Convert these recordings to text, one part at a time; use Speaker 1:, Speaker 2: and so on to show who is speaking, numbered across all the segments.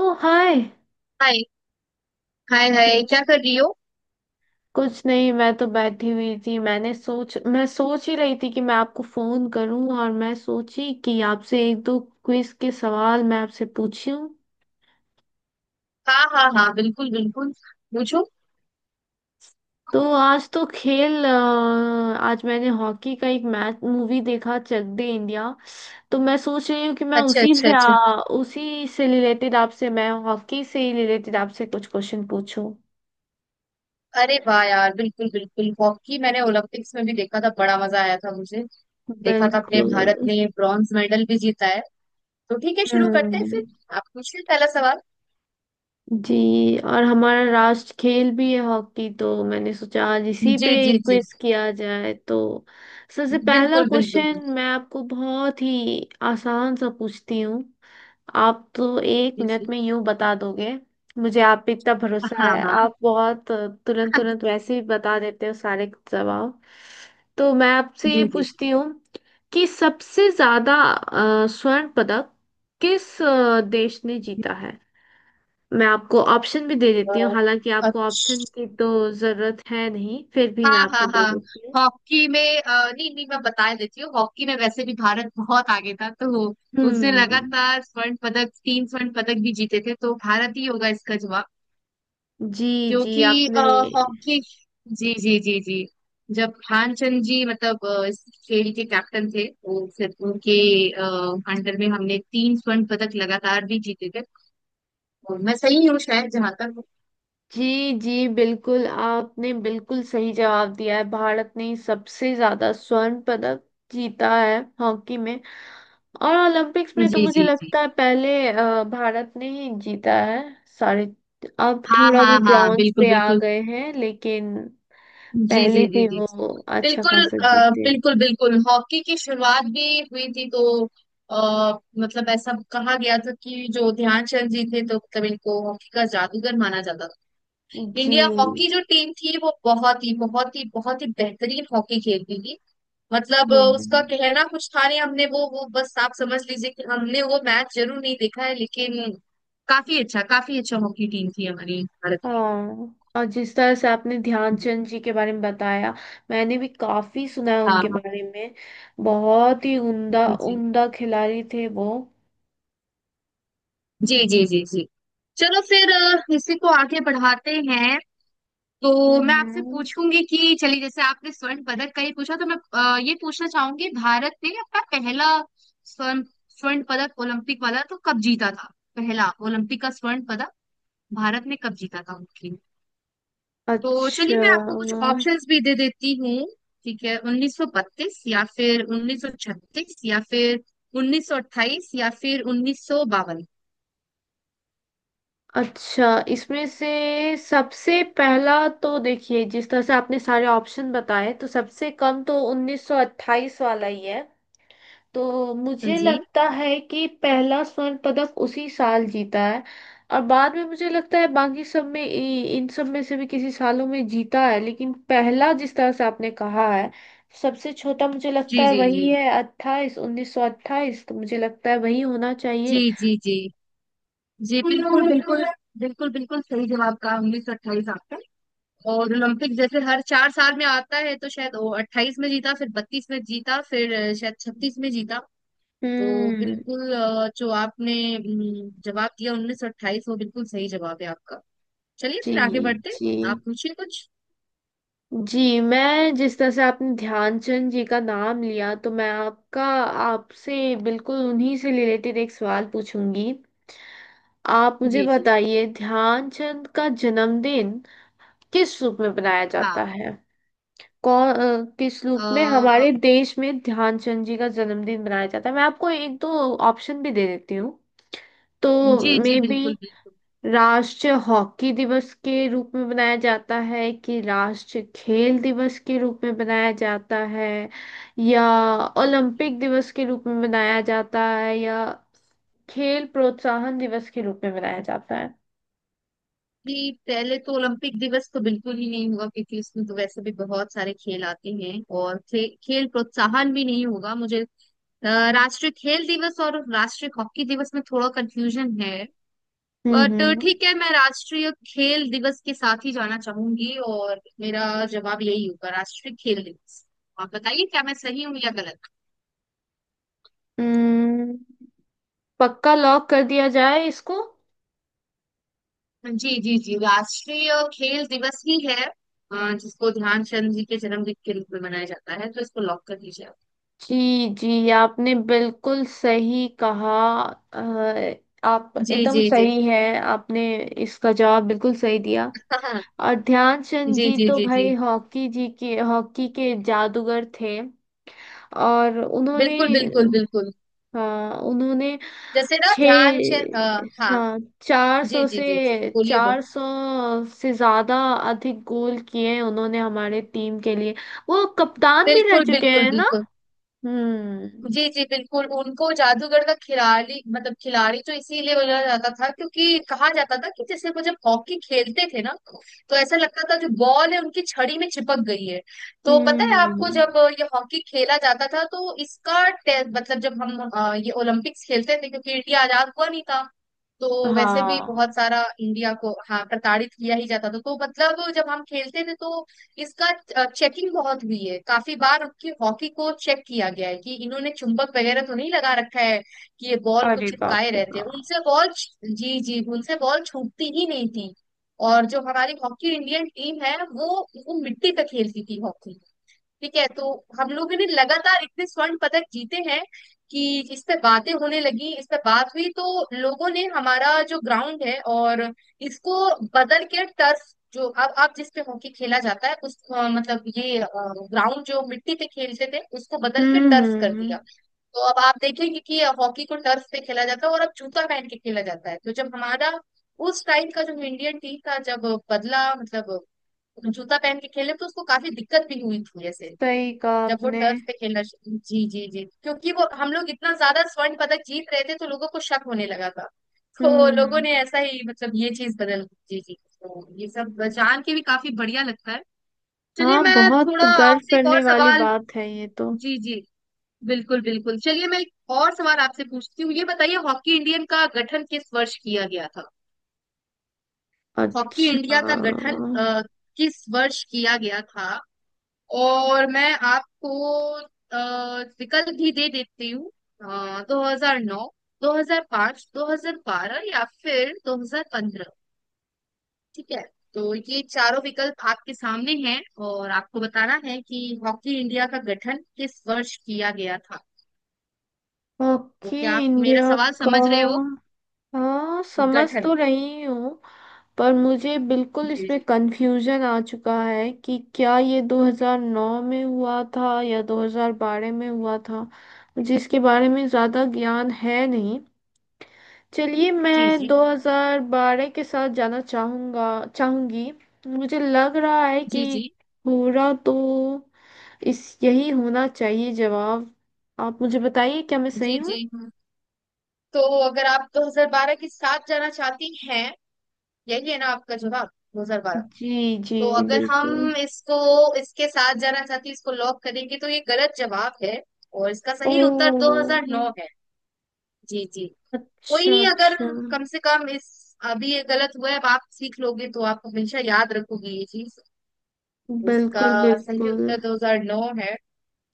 Speaker 1: ओ hi.
Speaker 2: Hi, hi क्या कर रही हो।
Speaker 1: कुछ नहीं, मैं तो बैठी हुई थी। मैं सोच ही रही थी कि मैं आपको फोन करूं, और मैं सोची कि आपसे एक दो क्विज के सवाल मैं आपसे पूछूं।
Speaker 2: हाँ हाँ हाँ, बिल्कुल बिल्कुल, पूछो।
Speaker 1: तो आज तो खेल अ, आज मैंने हॉकी का एक मैच, मूवी, देखा, चक दे इंडिया। तो मैं सोच रही हूँ कि मैं
Speaker 2: अच्छा
Speaker 1: उसी
Speaker 2: अच्छा
Speaker 1: से
Speaker 2: अच्छा।
Speaker 1: आ, उसी से रिलेटेड, आपसे मैं हॉकी से ही रिलेटेड आपसे कुछ क्वेश्चन पूछूं।
Speaker 2: अरे वाह यार, बिल्कुल बिल्कुल। हॉकी मैंने ओलंपिक्स में भी देखा था, बड़ा मजा आया था मुझे। देखा था, अपने भारत
Speaker 1: बिल्कुल।
Speaker 2: ने ब्रॉन्ज मेडल भी जीता है। तो ठीक है, शुरू करते हैं फिर।
Speaker 1: हम्म।
Speaker 2: आप पूछिए पहला सवाल।
Speaker 1: जी। और हमारा राष्ट्र खेल भी है हॉकी, तो मैंने सोचा आज इसी पे
Speaker 2: जी जी जी,
Speaker 1: क्विज किया जाए। तो सबसे पहला
Speaker 2: बिल्कुल बिल्कुल
Speaker 1: क्वेश्चन
Speaker 2: बिल्कुल।
Speaker 1: मैं आपको बहुत ही आसान सा पूछती हूँ। आप तो एक
Speaker 2: जी
Speaker 1: मिनट
Speaker 2: जी।
Speaker 1: में यूं बता दोगे। मुझे आप पे इतना
Speaker 2: हाँ
Speaker 1: भरोसा है,
Speaker 2: हाँ।
Speaker 1: आप बहुत तुरंत तुरंत वैसे ही बता देते हो सारे जवाब। तो मैं आपसे ये
Speaker 2: जी जी
Speaker 1: पूछती हूँ कि सबसे ज्यादा स्वर्ण पदक किस देश ने
Speaker 2: जी।
Speaker 1: जीता है। मैं आपको ऑप्शन भी दे
Speaker 2: अ,
Speaker 1: देती हूँ, हालांकि आपको ऑप्शन
Speaker 2: अच्छा।
Speaker 1: की तो जरूरत है नहीं, फिर भी मैं
Speaker 2: हाँ हाँ
Speaker 1: आपको दे
Speaker 2: हाँ,
Speaker 1: देती हूँ।
Speaker 2: हॉकी में नहीं नहीं, मैं बता देती हूँ। हॉकी में वैसे भी भारत बहुत आगे था, तो उसने
Speaker 1: हम्म।
Speaker 2: लगातार स्वर्ण पदक, 3 स्वर्ण पदक भी जीते थे, तो भारत ही होगा इसका जवाब।
Speaker 1: जी जी।
Speaker 2: क्योंकि
Speaker 1: आपने।
Speaker 2: हॉकी, जी जी जी जी, जब ध्यानचंद जी मतलब इस खेल के कैप्टन थे, तो फिर उनके अ, अंडर में हमने 3 स्वर्ण पदक लगातार भी जीते थे। और मैं सही हूँ शायद जहां तक।
Speaker 1: जी जी, बिल्कुल आपने बिल्कुल सही जवाब दिया है। भारत ने सबसे ज्यादा स्वर्ण पदक जीता है हॉकी में। और ओलंपिक्स में तो
Speaker 2: जी
Speaker 1: मुझे
Speaker 2: जी जी,
Speaker 1: लगता है पहले भारत ने ही जीता है सारे। अब
Speaker 2: हाँ
Speaker 1: थोड़ा वो
Speaker 2: हाँ हाँ,
Speaker 1: ब्रॉन्ज
Speaker 2: बिल्कुल
Speaker 1: पे आ
Speaker 2: बिल्कुल।
Speaker 1: गए हैं, लेकिन
Speaker 2: जी जी
Speaker 1: पहले
Speaker 2: जी
Speaker 1: भी
Speaker 2: जी,
Speaker 1: वो अच्छा
Speaker 2: बिल्कुल
Speaker 1: खासा जीते हैं।
Speaker 2: बिल्कुल बिल्कुल। हॉकी की शुरुआत भी हुई थी, तो आ, मतलब ऐसा कहा गया था कि जो ध्यानचंद जी थे, तो मतलब इनको हॉकी का जादूगर माना जाता था। इंडिया
Speaker 1: जी।
Speaker 2: हॉकी जो टीम थी, वो बहुत ही बहुत ही बहुत ही बेहतरीन हॉकी खेलती थी। मतलब उसका
Speaker 1: हम्म।
Speaker 2: कहना कुछ था नहीं। हमने वो बस आप समझ लीजिए कि हमने वो मैच जरूर नहीं देखा है, लेकिन काफी अच्छा, काफी अच्छा हॉकी टीम थी हमारी भारत की।
Speaker 1: हाँ, और जिस तरह से आपने ध्यानचंद जी के बारे में बताया, मैंने भी काफी सुना है
Speaker 2: हाँ
Speaker 1: उनके
Speaker 2: हाँ,
Speaker 1: बारे में। बहुत ही उम्दा
Speaker 2: जी जी
Speaker 1: उम्दा खिलाड़ी थे वो।
Speaker 2: जी जी, जी जी। चलो फिर इसी को आगे बढ़ाते हैं। तो मैं आपसे
Speaker 1: हम्म।
Speaker 2: पूछूंगी कि चलिए, जैसे आपने स्वर्ण पदक का ही पूछा, तो मैं ये पूछना चाहूंगी, भारत ने अपना पहला स्वर्ण, स्वर्ण पदक ओलंपिक वाला तो कब जीता था। पहला ओलंपिक का स्वर्ण पदक भारत ने कब जीता था, मुख्य। तो चलिए
Speaker 1: अच्छा
Speaker 2: मैं आपको कुछ ऑप्शंस भी दे देती हूँ। ठीक है, 1932 या फिर 1936 या फिर 1928 या फिर 1952।
Speaker 1: अच्छा। इसमें से सबसे पहला तो देखिए, जिस तरह से आपने सारे ऑप्शन बताए, तो सबसे कम तो 1928 वाला ही है। तो मुझे
Speaker 2: जी
Speaker 1: लगता है कि पहला स्वर्ण पदक उसी साल जीता है। और बाद में मुझे लगता है बाकी सब में इन सब में से भी किसी सालों में जीता है, लेकिन पहला जिस तरह से आपने कहा है, सबसे छोटा मुझे लगता
Speaker 2: जी
Speaker 1: है
Speaker 2: जी जी,
Speaker 1: वही है, अट्ठाईस 1928, तो मुझे लगता है वही होना
Speaker 2: जी
Speaker 1: चाहिए।
Speaker 2: जी जी जी, बिल्कुल बिल्कुल। बिल्कुल बिल्कुल सही जवाब कहा, उन्नीस सौ अट्ठाईस आपने। और ओलंपिक जैसे हर 4 साल में आता है, तो शायद वो अट्ठाईस में जीता, फिर बत्तीस में जीता, फिर शायद छत्तीस में जीता। तो
Speaker 1: हम्म।
Speaker 2: बिल्कुल जो आपने जवाब दिया उन्नीस सौ अट्ठाईस, वो बिल्कुल सही जवाब है आपका। चलिए
Speaker 1: जी
Speaker 2: फिर आगे बढ़ते हैं।
Speaker 1: जी।
Speaker 2: आप पूछिए कुछ।
Speaker 1: जी। मैं, जिस तरह से आपने ध्यानचंद जी का नाम लिया, तो मैं आपका आपसे बिल्कुल उन्हीं से रिलेटेड एक सवाल पूछूंगी। आप मुझे
Speaker 2: जी जी।
Speaker 1: बताइए, ध्यानचंद का जन्मदिन किस रूप में मनाया
Speaker 2: हाँ।
Speaker 1: जाता है? किस रूप में
Speaker 2: अ,
Speaker 1: हमारे देश में ध्यानचंद जी का जन्मदिन मनाया जाता है? मैं आपको एक दो ऑप्शन भी दे देती हूँ। तो
Speaker 2: जी जी,
Speaker 1: मे बी
Speaker 2: बिल्कुल बिल्कुल।
Speaker 1: राष्ट्रीय हॉकी दिवस के रूप में मनाया जाता है, कि राष्ट्रीय खेल दिवस के रूप में मनाया जाता है, या ओलंपिक दिवस के रूप में मनाया जाता है, या खेल प्रोत्साहन दिवस के रूप में मनाया जाता है?
Speaker 2: जी, पहले तो ओलंपिक दिवस तो बिल्कुल ही नहीं होगा, क्योंकि इसमें तो वैसे भी बहुत सारे खेल आते हैं। और खेल प्रोत्साहन भी नहीं होगा मुझे। अ, राष्ट्रीय खेल दिवस और राष्ट्रीय हॉकी दिवस में थोड़ा कंफ्यूजन है।
Speaker 1: हम्म,
Speaker 2: बट ठीक है, मैं राष्ट्रीय खेल दिवस के साथ ही जाना चाहूंगी, और मेरा जवाब यही होगा, राष्ट्रीय खेल दिवस। आप बताइए क्या मैं सही हूँ या गलत।
Speaker 1: हम्म, पक्का लॉक कर दिया जाए इसको।
Speaker 2: जी जी जी, राष्ट्रीय खेल दिवस ही है जिसको ध्यानचंद जी के जन्मदिन के रूप में मनाया जाता है, तो इसको लॉक कर दीजिए आप।
Speaker 1: जी जी, आपने बिल्कुल सही कहा। आप
Speaker 2: जी
Speaker 1: एकदम
Speaker 2: जी जी,
Speaker 1: सही है। आपने इसका जवाब बिल्कुल सही दिया।
Speaker 2: हाँ हाँ,
Speaker 1: और ध्यानचंद
Speaker 2: जी
Speaker 1: जी
Speaker 2: जी
Speaker 1: तो
Speaker 2: जी जी,
Speaker 1: भाई हॉकी के जादूगर थे। और उन्होंने,
Speaker 2: बिल्कुल बिल्कुल बिल्कुल।
Speaker 1: हाँ उन्होंने,
Speaker 2: जैसे ना,
Speaker 1: छ
Speaker 2: ध्यान चंद हाँ,
Speaker 1: हाँ, चार
Speaker 2: जी
Speaker 1: सौ
Speaker 2: जी जी जी,
Speaker 1: से
Speaker 2: बोलिए बोल।
Speaker 1: चार सौ से ज्यादा अधिक गोल किए हैं उन्होंने हमारे टीम के लिए। वो कप्तान भी रह
Speaker 2: बिल्कुल
Speaker 1: चुके
Speaker 2: बिल्कुल
Speaker 1: हैं ना।
Speaker 2: बिल्कुल।
Speaker 1: हम्म
Speaker 2: जी जी, बिल्कुल, उनको जादूगर का खिलाड़ी मतलब खिलाड़ी तो इसीलिए बोला जाता था, क्योंकि कहा जाता था कि जैसे वो जब हॉकी खेलते थे ना, तो ऐसा लगता था जो बॉल है उनकी छड़ी में चिपक गई है। तो पता है आपको,
Speaker 1: हम्म।
Speaker 2: जब ये हॉकी खेला जाता था, तो इसका मतलब जब हम ये ओलंपिक्स खेलते थे, क्योंकि इंडिया आजाद हुआ नहीं था, तो वैसे भी
Speaker 1: हाँ।
Speaker 2: बहुत सारा इंडिया को, हाँ, प्रताड़ित किया ही जाता था। तो मतलब जब हम खेलते थे, तो इसका चेकिंग बहुत हुई है। काफी बार उनकी हॉकी को चेक किया गया है कि इन्होंने चुंबक वगैरह तो नहीं लगा रखा है, कि ये बॉल को
Speaker 1: अरे बाप
Speaker 2: चिपकाए
Speaker 1: रे
Speaker 2: रहते हैं,
Speaker 1: बाप।
Speaker 2: उनसे बॉल। जी जी, उनसे बॉल छूटती ही नहीं थी। और जो हमारी हॉकी इंडियन टीम है, वो मिट्टी पे खेलती थी हॉकी। ठीक है, तो हम लोगों ने लगातार इतने स्वर्ण पदक जीते हैं कि इस पे बातें होने लगी, इस पे बात हुई, तो लोगों ने हमारा जो ग्राउंड है, और इसको बदल के टर्फ, जो अब आप जिस पे हॉकी खेला जाता है, उस मतलब ये ग्राउंड जो मिट्टी पे खेलते थे, उसको बदल के
Speaker 1: हम्म,
Speaker 2: टर्फ कर दिया। तो अब आप देखेंगे कि हॉकी को टर्फ पे खेला जाता है, और अब जूता पहन के खेला जाता है। तो जब हमारा उस टाइम का जो इंडियन टीम था, जब बदला मतलब जूता पहन के खेले, तो उसको काफी दिक्कत भी हुई थी, ऐसे
Speaker 1: सही कहा
Speaker 2: जब वो
Speaker 1: आपने।
Speaker 2: टर्फ पे जी जी जी, क्योंकि वो हम लोग इतना ज्यादा स्वर्ण पदक जीत रहे थे, तो लोगों को शक होने लगा था, तो लोगों
Speaker 1: हम्म।
Speaker 2: ने ऐसा ही मतलब ये चीज बदल। जी जी, तो ये सब जान के भी काफी बढ़िया लगता है। चलिए
Speaker 1: हाँ,
Speaker 2: मैं
Speaker 1: बहुत
Speaker 2: थोड़ा
Speaker 1: गर्व
Speaker 2: आपसे एक और
Speaker 1: करने वाली
Speaker 2: सवाल।
Speaker 1: बात है ये तो।
Speaker 2: जी जी बिल्कुल बिल्कुल, चलिए मैं एक और सवाल आपसे पूछती हूँ, ये बताइए हॉकी इंडियन का गठन किस वर्ष किया गया था। हॉकी
Speaker 1: अच्छा।
Speaker 2: इंडिया का गठन किस वर्ष किया गया था, और मैं आपको अ, विकल्प भी दे देती हूँ। 2009, 2005, 2012 या फिर 2015। ठीक है, तो ये चारों विकल्प आपके सामने हैं, और आपको बताना है कि हॉकी इंडिया का गठन किस वर्ष किया गया था। तो
Speaker 1: ओके।
Speaker 2: क्या आप मेरा
Speaker 1: इंडिया
Speaker 2: सवाल
Speaker 1: का,
Speaker 2: समझ रहे हो।
Speaker 1: हाँ समझ
Speaker 2: गठन।
Speaker 1: तो रही हूँ। पर मुझे बिल्कुल
Speaker 2: जी
Speaker 1: इसमें
Speaker 2: जी
Speaker 1: कंफ्यूजन आ चुका है कि क्या ये 2009 में हुआ था या 2012 में हुआ था। मुझे इसके बारे में ज़्यादा ज्ञान है नहीं। चलिए
Speaker 2: जी
Speaker 1: मैं
Speaker 2: जी,
Speaker 1: 2012 के साथ जाना चाहूँगा चाहूँगी। मुझे लग रहा है कि
Speaker 2: जी
Speaker 1: हो रहा तो इस यही होना चाहिए जवाब। आप मुझे बताइए क्या मैं सही
Speaker 2: जी
Speaker 1: हूँ?
Speaker 2: जी जी, तो अगर आप 2012 के साथ जाना चाहती हैं, यही है ना आपका जवाब, 2012।
Speaker 1: जी जी।
Speaker 2: तो अगर
Speaker 1: बिल्कुल।
Speaker 2: हम इसको, इसके साथ जाना चाहते हैं, इसको लॉक करेंगे, तो ये गलत जवाब है, और इसका सही उत्तर
Speaker 1: ओह।
Speaker 2: 2009 है। जी जी, कोई
Speaker 1: अच्छा
Speaker 2: नहीं, अगर
Speaker 1: अच्छा।
Speaker 2: कम से कम इस अभी ये गलत हुआ है, अब आप सीख लोगे तो आप हमेशा याद रखोगे ये चीज। इसका
Speaker 1: बिल्कुल
Speaker 2: सही
Speaker 1: बिल्कुल।
Speaker 2: उत्तर 2009 है।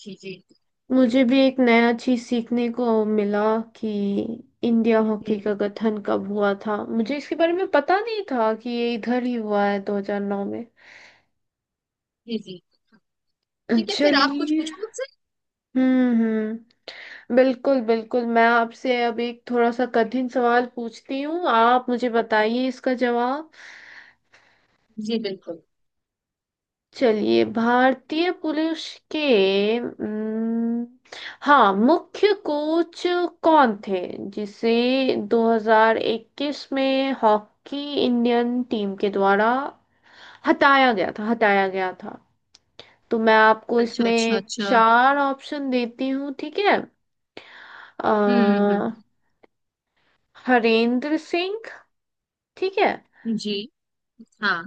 Speaker 2: जी जी,
Speaker 1: मुझे भी एक नया चीज सीखने को मिला कि इंडिया
Speaker 2: हम्म,
Speaker 1: हॉकी का गठन कब हुआ था, मुझे इसके बारे में पता नहीं था कि ये इधर ही हुआ है 2009 में।
Speaker 2: जी जी, ठीक है, फिर आप कुछ
Speaker 1: चलिए।
Speaker 2: पूछो मुझसे।
Speaker 1: हम्म। बिल्कुल बिल्कुल, मैं आपसे अब एक थोड़ा सा कठिन सवाल पूछती हूँ, आप मुझे बताइए इसका जवाब।
Speaker 2: जी बिल्कुल।
Speaker 1: चलिए, भारतीय पुलिस के हाँ, मुख्य कोच कौन थे, जिसे 2021 में हॉकी इंडियन टीम के द्वारा हटाया गया था? तो मैं आपको
Speaker 2: अच्छा अच्छा
Speaker 1: इसमें
Speaker 2: अच्छा।
Speaker 1: चार ऑप्शन देती हूँ, ठीक है। अ,
Speaker 2: हम्म।
Speaker 1: हरेंद्र सिंह, ठीक है।
Speaker 2: जी। हाँ।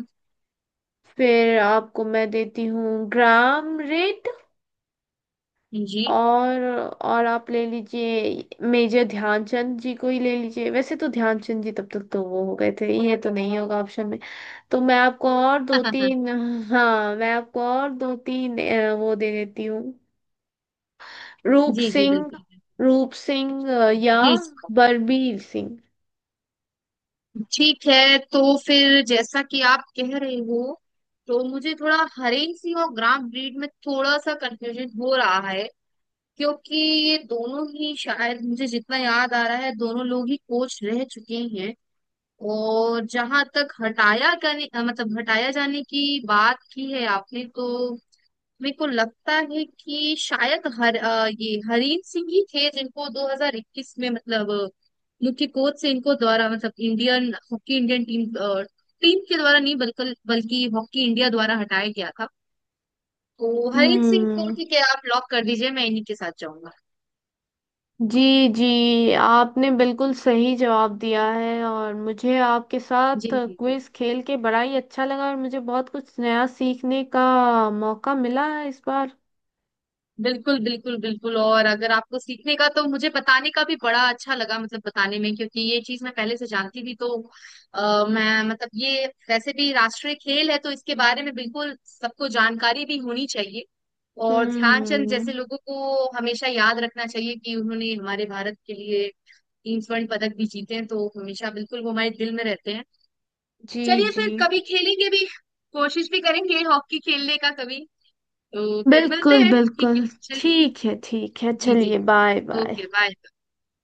Speaker 1: फिर आपको मैं देती हूँ, ग्राम रेड,
Speaker 2: जी।
Speaker 1: और और आप ले लीजिए, मेजर ध्यानचंद जी को ही ले लीजिए, वैसे तो ध्यानचंद जी तब तक तो वो हो गए थे, ये तो नहीं होगा ऑप्शन में। तो मैं आपको और दो तीन हाँ, मैं आपको और दो तीन वो दे देती हूँ। रूप
Speaker 2: जी जी
Speaker 1: सिंह,
Speaker 2: बिल्कुल।
Speaker 1: या
Speaker 2: जी,
Speaker 1: बलबीर सिंह।
Speaker 2: ठीक है, तो फिर जैसा कि आप कह रहे हो, तो मुझे थोड़ा हरेंसी और ग्राम ब्रीड में थोड़ा सा कंफ्यूजन हो रहा है, क्योंकि ये दोनों ही, शायद मुझे जितना याद आ रहा है, दोनों लोग ही कोच रह चुके हैं। और जहां तक हटाया करने मतलब हटाया जाने की बात की है आपने, तो मेरे को लगता है कि शायद ये हरीन सिंह ही थे जिनको 2021 में मतलब मुख्य कोच से इनको द्वारा मतलब Indian hockey Indian team team के द्वारा नहीं, बल्कि बल्कि हॉकी इंडिया द्वारा हटाया गया था। तो हरीन सिंह को,
Speaker 1: हम्म।
Speaker 2: ठीक है, आप लॉक कर दीजिए, मैं इन्हीं के साथ जाऊंगा।
Speaker 1: जी जी, आपने बिल्कुल सही जवाब दिया है, और मुझे आपके
Speaker 2: जी
Speaker 1: साथ
Speaker 2: जी जी,
Speaker 1: क्विज खेल के बड़ा ही अच्छा लगा, और मुझे बहुत कुछ नया सीखने का मौका मिला है इस बार।
Speaker 2: बिल्कुल बिल्कुल बिल्कुल। और अगर आपको सीखने का, तो मुझे बताने का भी बड़ा अच्छा लगा, मतलब बताने में, क्योंकि ये चीज मैं पहले से जानती थी। तो मैं मतलब ये वैसे भी राष्ट्रीय खेल है, तो इसके बारे में बिल्कुल सबको जानकारी भी होनी चाहिए। और ध्यानचंद
Speaker 1: हम्म।
Speaker 2: जैसे लोगों को हमेशा याद रखना चाहिए कि उन्होंने हमारे भारत के लिए 3 स्वर्ण पदक भी जीते हैं, तो हमेशा बिल्कुल वो हमारे दिल में रहते हैं।
Speaker 1: जी
Speaker 2: चलिए
Speaker 1: जी।
Speaker 2: फिर कभी खेलेंगे भी, कोशिश भी करेंगे हॉकी खेलने का कभी। तो फिर मिलते
Speaker 1: बिल्कुल
Speaker 2: हैं, ठीक
Speaker 1: बिल्कुल।
Speaker 2: है। चलो।
Speaker 1: ठीक है ठीक है,
Speaker 2: जी जी।
Speaker 1: चलिए बाय बाय।
Speaker 2: Okay bye.